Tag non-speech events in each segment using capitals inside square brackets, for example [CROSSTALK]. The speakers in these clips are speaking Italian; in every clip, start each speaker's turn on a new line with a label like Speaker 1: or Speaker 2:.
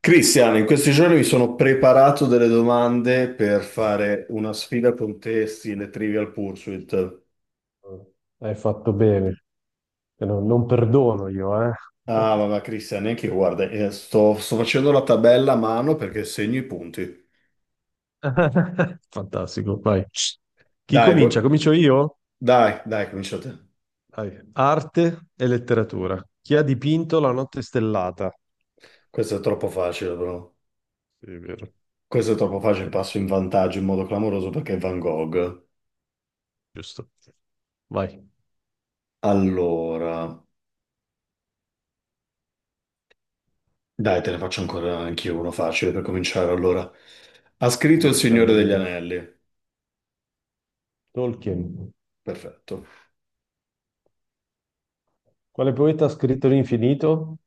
Speaker 1: Cristiano, in questi giorni mi sono preparato delle domande per fare una sfida con te, stile Trivial Pursuit.
Speaker 2: Hai fatto bene. Che Non, non perdono io, eh.
Speaker 1: Ah, vabbè, Cristiano, neanche io, guarda, sto facendo la tabella a mano perché segno i punti.
Speaker 2: [LAUGHS] Fantastico, vai. Chi
Speaker 1: Dai,
Speaker 2: comincia? Comincio io?
Speaker 1: dai, dai, comincia te.
Speaker 2: Vai. Arte e letteratura. Chi ha dipinto La notte stellata?
Speaker 1: Questo è troppo facile, bro.
Speaker 2: Sì, è vero.
Speaker 1: Questo è troppo
Speaker 2: Però
Speaker 1: facile,
Speaker 2: sai,
Speaker 1: passo in vantaggio in modo clamoroso perché è Van Gogh.
Speaker 2: giusto. Vai.
Speaker 1: Allora, dai, te ne faccio ancora anch'io uno facile per cominciare. Allora, ha
Speaker 2: Un
Speaker 1: scritto Il Signore degli
Speaker 2: riscaldamento.
Speaker 1: Anelli.
Speaker 2: Tolkien.
Speaker 1: Perfetto.
Speaker 2: Quale poeta ha scritto l'infinito?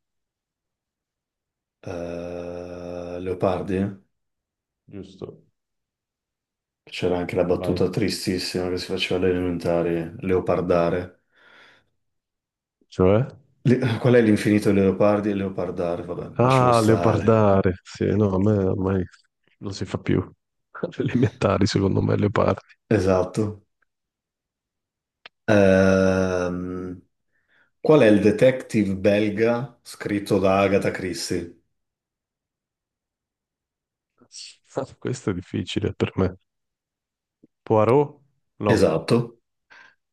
Speaker 1: Eh, Leopardi,
Speaker 2: Giusto.
Speaker 1: c'era anche la
Speaker 2: Vai.
Speaker 1: battuta tristissima che si faceva alle elementari, Leopardare.
Speaker 2: Cioè?
Speaker 1: [LAUGHS] Qual è l'infinito di Leopardi e Leopardare? Vabbè, lasciamo
Speaker 2: Ah,
Speaker 1: stare.
Speaker 2: leopardare. Sì, no, a me ormai non si fa più. [LAUGHS] Alle elementari, secondo me, leopardi.
Speaker 1: Esatto. Ehm, qual è il detective belga scritto da Agatha Christie?
Speaker 2: Ah, [LAUGHS] questo è difficile per me. Poirot? No.
Speaker 1: Esatto.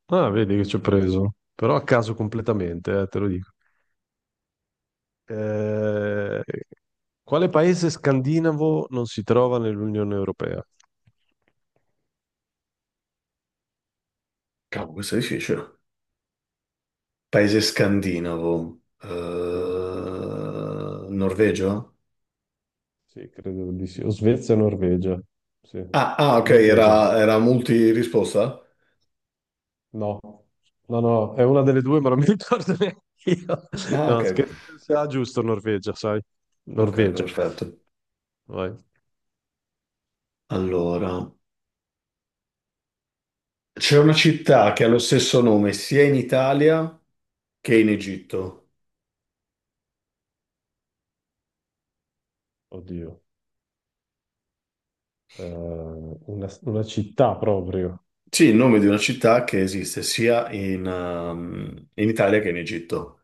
Speaker 2: Ah, vedi che ci ho preso. Però a caso completamente, te lo dico. Eh, quale paese scandinavo non si trova nell'Unione Europea?
Speaker 1: Cavolo, questo è difficile. Paese
Speaker 2: Questo è difficile.
Speaker 1: scandinavo. Norvegia?
Speaker 2: Sì, sì, credo di sì. O Svezia o Norvegia. Sì.
Speaker 1: Ah, ah, ok,
Speaker 2: Norvegia.
Speaker 1: era multi risposta?
Speaker 2: No, no, no, è una delle due, ma non mi [LAUGHS] ricordo neanche io. [LAUGHS]
Speaker 1: Ah,
Speaker 2: No,
Speaker 1: ok,
Speaker 2: scherzo, credo sia giusto Norvegia, sai?
Speaker 1: ok,
Speaker 2: Norvegia,
Speaker 1: perfetto.
Speaker 2: vai.
Speaker 1: Allora, c'è una città che ha lo stesso nome sia in Italia che in Egitto.
Speaker 2: Oddio, una città proprio.
Speaker 1: Sì, il nome di una città che esiste sia in, in Italia che in Egitto.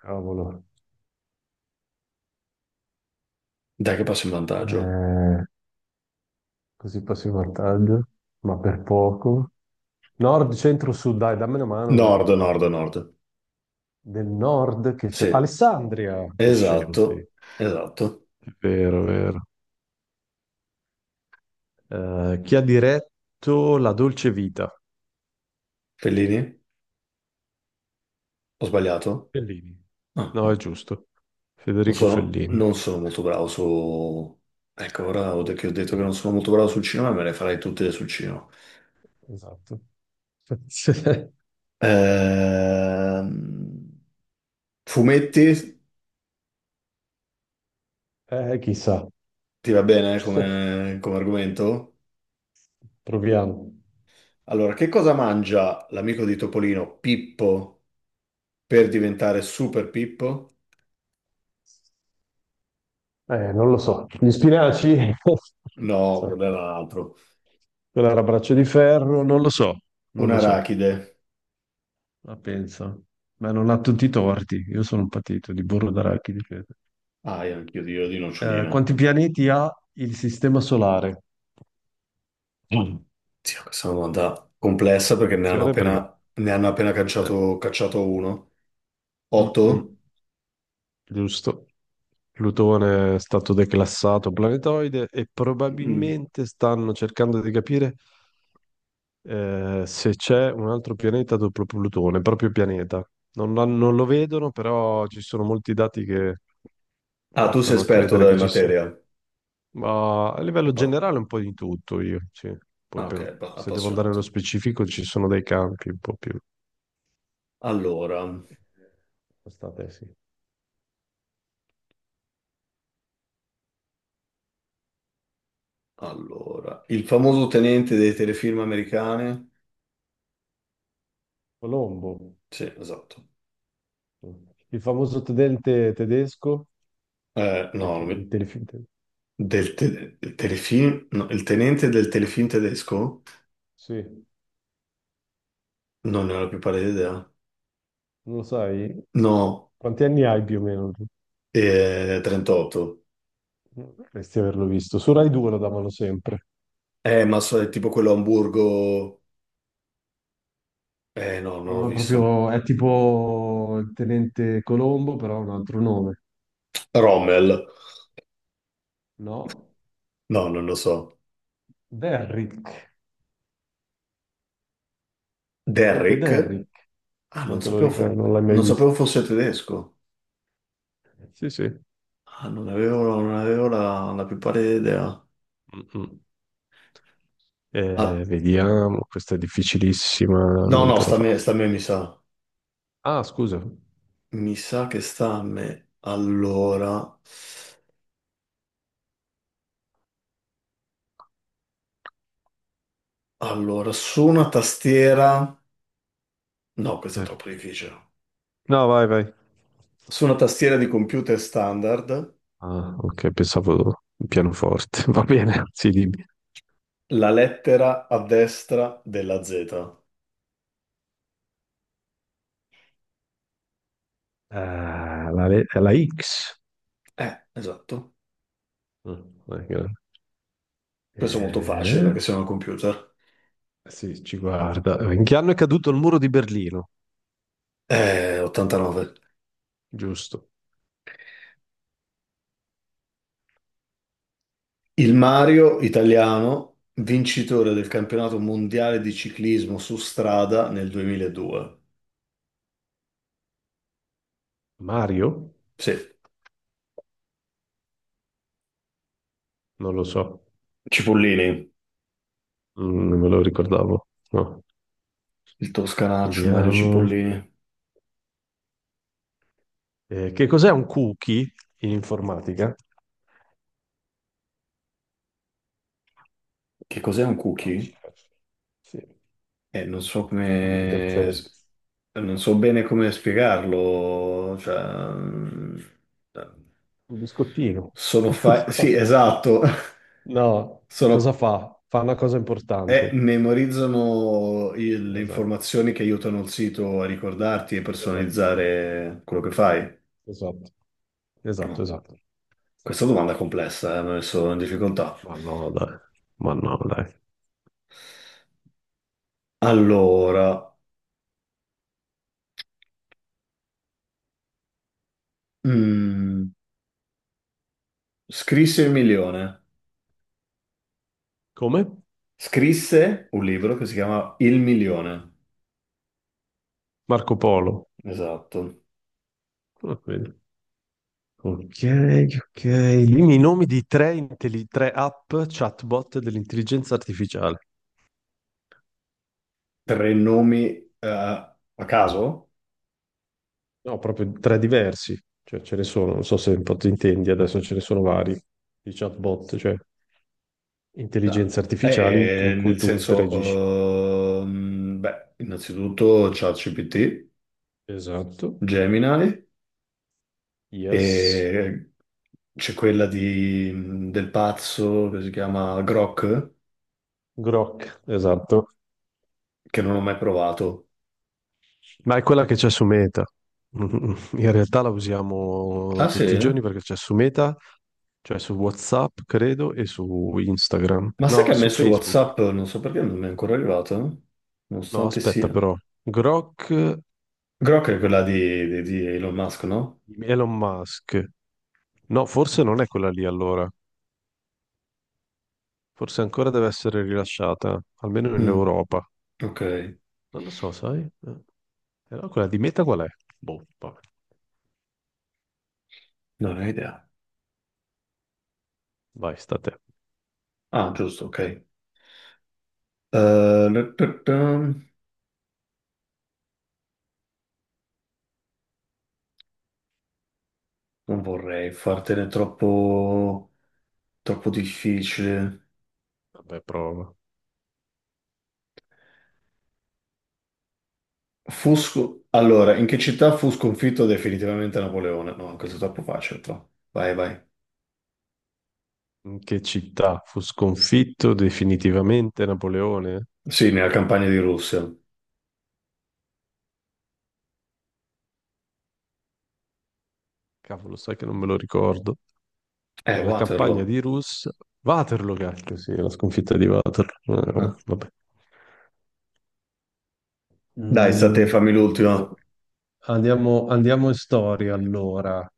Speaker 2: Cavolo.
Speaker 1: Dai che passo in vantaggio.
Speaker 2: Eh, così passo in vantaggio, ma per poco. Nord, centro, sud, dai, dammi una mano perché
Speaker 1: Nord, nord, nord.
Speaker 2: del nord che c'è
Speaker 1: Sì,
Speaker 2: Alessandria. Che scemo, sì.
Speaker 1: esatto, esatto.
Speaker 2: È vero, è vero. Chi ha diretto La Dolce Vita?
Speaker 1: Fellini? Ho sbagliato?
Speaker 2: Bellini.
Speaker 1: No,
Speaker 2: No, è
Speaker 1: no.
Speaker 2: giusto.
Speaker 1: Non
Speaker 2: Federico
Speaker 1: sono,
Speaker 2: Fellini.
Speaker 1: non sono molto bravo su... Ecco, ora che ho detto che non sono molto bravo sul cinema, me le farei tutte sul cinema.
Speaker 2: Esatto. [LAUGHS]
Speaker 1: Ehm, Fumetti?
Speaker 2: Chissà.
Speaker 1: Ti va bene
Speaker 2: [LAUGHS]
Speaker 1: come, come argomento?
Speaker 2: Proviamo.
Speaker 1: Allora, che cosa mangia l'amico di Topolino, Pippo, per diventare Super Pippo?
Speaker 2: Non lo so. Gli spinaci? [LAUGHS] Non
Speaker 1: No,
Speaker 2: so.
Speaker 1: quello era l'altro.
Speaker 2: Quello era braccio di ferro? Non lo so. Non
Speaker 1: Un
Speaker 2: lo so.
Speaker 1: arachide.
Speaker 2: La pensa. Ma non ha tutti i torti. Io sono un patito di burro d'arachidi, credo.
Speaker 1: Ah, io anch'io io di
Speaker 2: Eh,
Speaker 1: noccioline.
Speaker 2: quanti pianeti ha il sistema solare?
Speaker 1: Mm. Sì, questa è una domanda complessa perché ne hanno
Speaker 2: Attenzione perché...
Speaker 1: appena, ne hanno appena
Speaker 2: eh,
Speaker 1: cacciato uno.
Speaker 2: mm, mm,
Speaker 1: Otto?
Speaker 2: giusto. Plutone è stato declassato planetoide e
Speaker 1: Mm.
Speaker 2: probabilmente stanno cercando di capire se c'è un altro pianeta dopo Plutone, proprio pianeta. Non lo vedono, però ci sono molti dati che
Speaker 1: Ah, tu sei
Speaker 2: portano a
Speaker 1: esperto
Speaker 2: credere
Speaker 1: della
Speaker 2: che ci sia.
Speaker 1: materia.
Speaker 2: Ma a livello
Speaker 1: Appa-
Speaker 2: generale un po' di tutto io, sì.
Speaker 1: ah, ok,
Speaker 2: Se devo andare nello
Speaker 1: appassionato.
Speaker 2: specifico ci sono dei campi un po' più...
Speaker 1: Allora,
Speaker 2: State, sì.
Speaker 1: allora, il famoso tenente dei telefilm americani.
Speaker 2: Colombo,
Speaker 1: Sì, esatto.
Speaker 2: il famoso tenente tedesco dei,
Speaker 1: No, non
Speaker 2: fi- dei
Speaker 1: mi-
Speaker 2: telefilm.
Speaker 1: del, del telefilm, no, il tenente del telefilm tedesco?
Speaker 2: Sì,
Speaker 1: Non ne ho la più pallida idea.
Speaker 2: non lo sai,
Speaker 1: No,
Speaker 2: quanti anni hai più o meno? Tu?
Speaker 1: 38.
Speaker 2: Dovresti averlo visto. Su Rai 2 lo davano sempre.
Speaker 1: Ma so, è tipo quello a Hamburgo... no, non l'ho
Speaker 2: No, è
Speaker 1: visto.
Speaker 2: proprio, è tipo il tenente Colombo, però ha un altro nome.
Speaker 1: Rommel?
Speaker 2: No?
Speaker 1: No, non lo so.
Speaker 2: Derrick. Tenente
Speaker 1: Derrick?
Speaker 2: Derrick.
Speaker 1: Ah, non
Speaker 2: Non te lo
Speaker 1: sapevo,
Speaker 2: ricordo,
Speaker 1: fo-
Speaker 2: non l'hai mai
Speaker 1: non
Speaker 2: visto.
Speaker 1: sapevo fosse tedesco.
Speaker 2: Sì, sì.
Speaker 1: Ah, non avevo la, la più pallida idea.
Speaker 2: Mm-mm. Eh,
Speaker 1: Ah,
Speaker 2: vediamo, questa è difficilissima,
Speaker 1: no,
Speaker 2: non
Speaker 1: no,
Speaker 2: te la
Speaker 1: sta a me,
Speaker 2: faccio.
Speaker 1: sta a me, mi sa.
Speaker 2: Ah, scusa.
Speaker 1: Mi sa che sta a me. Allora... Allora, su una tastiera... No, questo è
Speaker 2: Eh.
Speaker 1: troppo difficile.
Speaker 2: No, vai, vai.
Speaker 1: Su una tastiera di computer standard,
Speaker 2: Ah, ok, pensavo pianoforte. [LAUGHS] Va bene, sì, dimmi.
Speaker 1: la lettera a destra della Z.
Speaker 2: Ah, la X.
Speaker 1: Esatto.
Speaker 2: Mm, non è
Speaker 1: Questo è molto facile
Speaker 2: eh,
Speaker 1: perché siamo al computer.
Speaker 2: sì, ci guarda. In che anno è caduto il muro di Berlino?
Speaker 1: 89.
Speaker 2: Giusto.
Speaker 1: Il Mario italiano, vincitore del campionato mondiale di ciclismo su strada nel 2002.
Speaker 2: Mario?
Speaker 1: Sì,
Speaker 2: Non lo so.
Speaker 1: Cipollini.
Speaker 2: Non me lo ricordavo. No.
Speaker 1: Il toscanaccio Mario
Speaker 2: Vediamo.
Speaker 1: Cipollini.
Speaker 2: Che cos'è un cookie in informatica?
Speaker 1: Che cos'è un
Speaker 2: Oh, ci
Speaker 1: cookie?
Speaker 2: faccio. Sì,
Speaker 1: Non so
Speaker 2: quando mi
Speaker 1: come...
Speaker 2: cancelli.
Speaker 1: Non so bene come spiegarlo, cioè, mm,
Speaker 2: Un biscottino.
Speaker 1: sono fa... Sì,
Speaker 2: [LAUGHS]
Speaker 1: esatto,
Speaker 2: No,
Speaker 1: [LAUGHS] sono...
Speaker 2: cosa fa? Fa una cosa importante.
Speaker 1: memorizzano le
Speaker 2: Esatto,
Speaker 1: informazioni che aiutano il sito a ricordarti e
Speaker 2: esatto,
Speaker 1: personalizzare quello che fai.
Speaker 2: esatto, esatto,
Speaker 1: No.
Speaker 2: esatto.
Speaker 1: Questa domanda è complessa, mi ha messo in difficoltà.
Speaker 2: Ma no, dai. Ma no, dai.
Speaker 1: Allora, mm, scrisse il milione.
Speaker 2: Come?
Speaker 1: Scrisse un libro che si chiama Il milione.
Speaker 2: Marco Polo.
Speaker 1: Esatto.
Speaker 2: Ah, vedi. Ok, ok. Dimmi i nomi di tre app chatbot dell'intelligenza artificiale.
Speaker 1: Tre nomi, eh, a caso?
Speaker 2: No, proprio tre diversi. Cioè, ce ne sono, non so se un po' ti intendi, adesso ce ne sono vari di chatbot, cioè
Speaker 1: No.
Speaker 2: intelligenze artificiali con cui
Speaker 1: Nel
Speaker 2: tu
Speaker 1: senso,
Speaker 2: interagisci.
Speaker 1: beh, innanzitutto ChatGPT,
Speaker 2: Esatto.
Speaker 1: Gemini,
Speaker 2: Yes.
Speaker 1: e c'è quella di, del pazzo che si chiama Grok,
Speaker 2: Grok, esatto.
Speaker 1: che non ho mai provato.
Speaker 2: Ma è quella che c'è su Meta. In realtà la usiamo
Speaker 1: Ah sì?
Speaker 2: tutti i giorni perché c'è su Meta, cioè su WhatsApp, credo, e su Instagram.
Speaker 1: Ma sai che
Speaker 2: No,
Speaker 1: a me
Speaker 2: su
Speaker 1: su
Speaker 2: Facebook.
Speaker 1: WhatsApp non so perché non mi è ancora arrivato,
Speaker 2: No,
Speaker 1: nonostante
Speaker 2: aspetta
Speaker 1: sia.
Speaker 2: però. Grok,
Speaker 1: Grok è quella di, di Elon Musk, no?
Speaker 2: Elon Musk. No, forse non è quella lì allora. Forse ancora deve essere rilasciata, almeno in
Speaker 1: Mm,
Speaker 2: Europa.
Speaker 1: ok,
Speaker 2: Non lo so, sai? Però quella di Meta qual è? Boh, vabbè.
Speaker 1: non ho idea.
Speaker 2: Vai, sta a te.
Speaker 1: Ah, giusto, ok. Non vorrei fartene troppo, troppo difficile.
Speaker 2: Vabbè, prova.
Speaker 1: Allora, in che città fu sconfitto definitivamente Napoleone? No, questo è troppo facile, però. Vai, vai.
Speaker 2: In che città fu sconfitto definitivamente Napoleone?
Speaker 1: Sì, nella campagna di Russia.
Speaker 2: Cavolo, sai che non me lo ricordo. Nella campagna
Speaker 1: Waterloo.
Speaker 2: di Rus, Waterloo, cacchio, sì, la sconfitta di Waterloo.
Speaker 1: Ah.
Speaker 2: Vabbè.
Speaker 1: Dai, sta a te,
Speaker 2: Mm,
Speaker 1: fammi l'ultima.
Speaker 2: vediamo. Andiamo, andiamo in storia allora.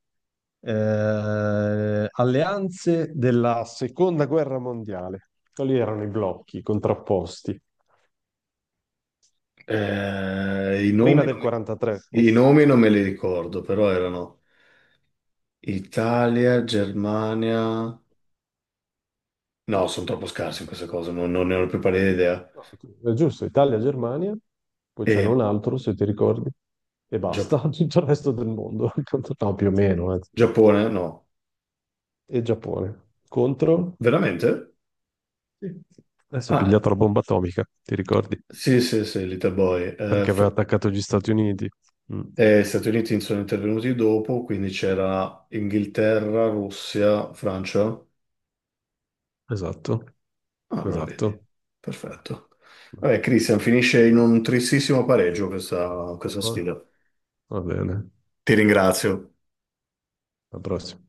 Speaker 2: Alleanze della seconda guerra mondiale. Quali erano i blocchi contrapposti?
Speaker 1: Eh, i nomi
Speaker 2: Prima
Speaker 1: non
Speaker 2: del
Speaker 1: mi-
Speaker 2: 43.
Speaker 1: i nomi non me li ricordo, però erano Italia, Germania... No, sono troppo scarsi in queste cose, non ne ho più pallida idea.
Speaker 2: No, è giusto, Italia-Germania, poi c'era un
Speaker 1: E
Speaker 2: altro, se ti ricordi, e basta,
Speaker 1: Gia-
Speaker 2: [LAUGHS] tutto il resto del mondo. [LAUGHS] No, più o meno, eh.
Speaker 1: Giappone? No.
Speaker 2: E Giappone contro...
Speaker 1: Veramente?
Speaker 2: Sì. Adesso è
Speaker 1: Ah,
Speaker 2: pigliato la bomba atomica, ti ricordi?
Speaker 1: sì, sì, sì, Little Boy.
Speaker 2: Perché aveva attaccato gli Stati Uniti. Mm,
Speaker 1: Stati Uniti sono intervenuti dopo, quindi c'era Inghilterra, Russia, Francia.
Speaker 2: esatto,
Speaker 1: Ah, allora vedi.
Speaker 2: esatto.
Speaker 1: Perfetto. Vabbè, Christian, finisce in un tristissimo pareggio questa, questa
Speaker 2: Va
Speaker 1: sfida.
Speaker 2: va bene,
Speaker 1: Ti ringrazio.
Speaker 2: alla prossima.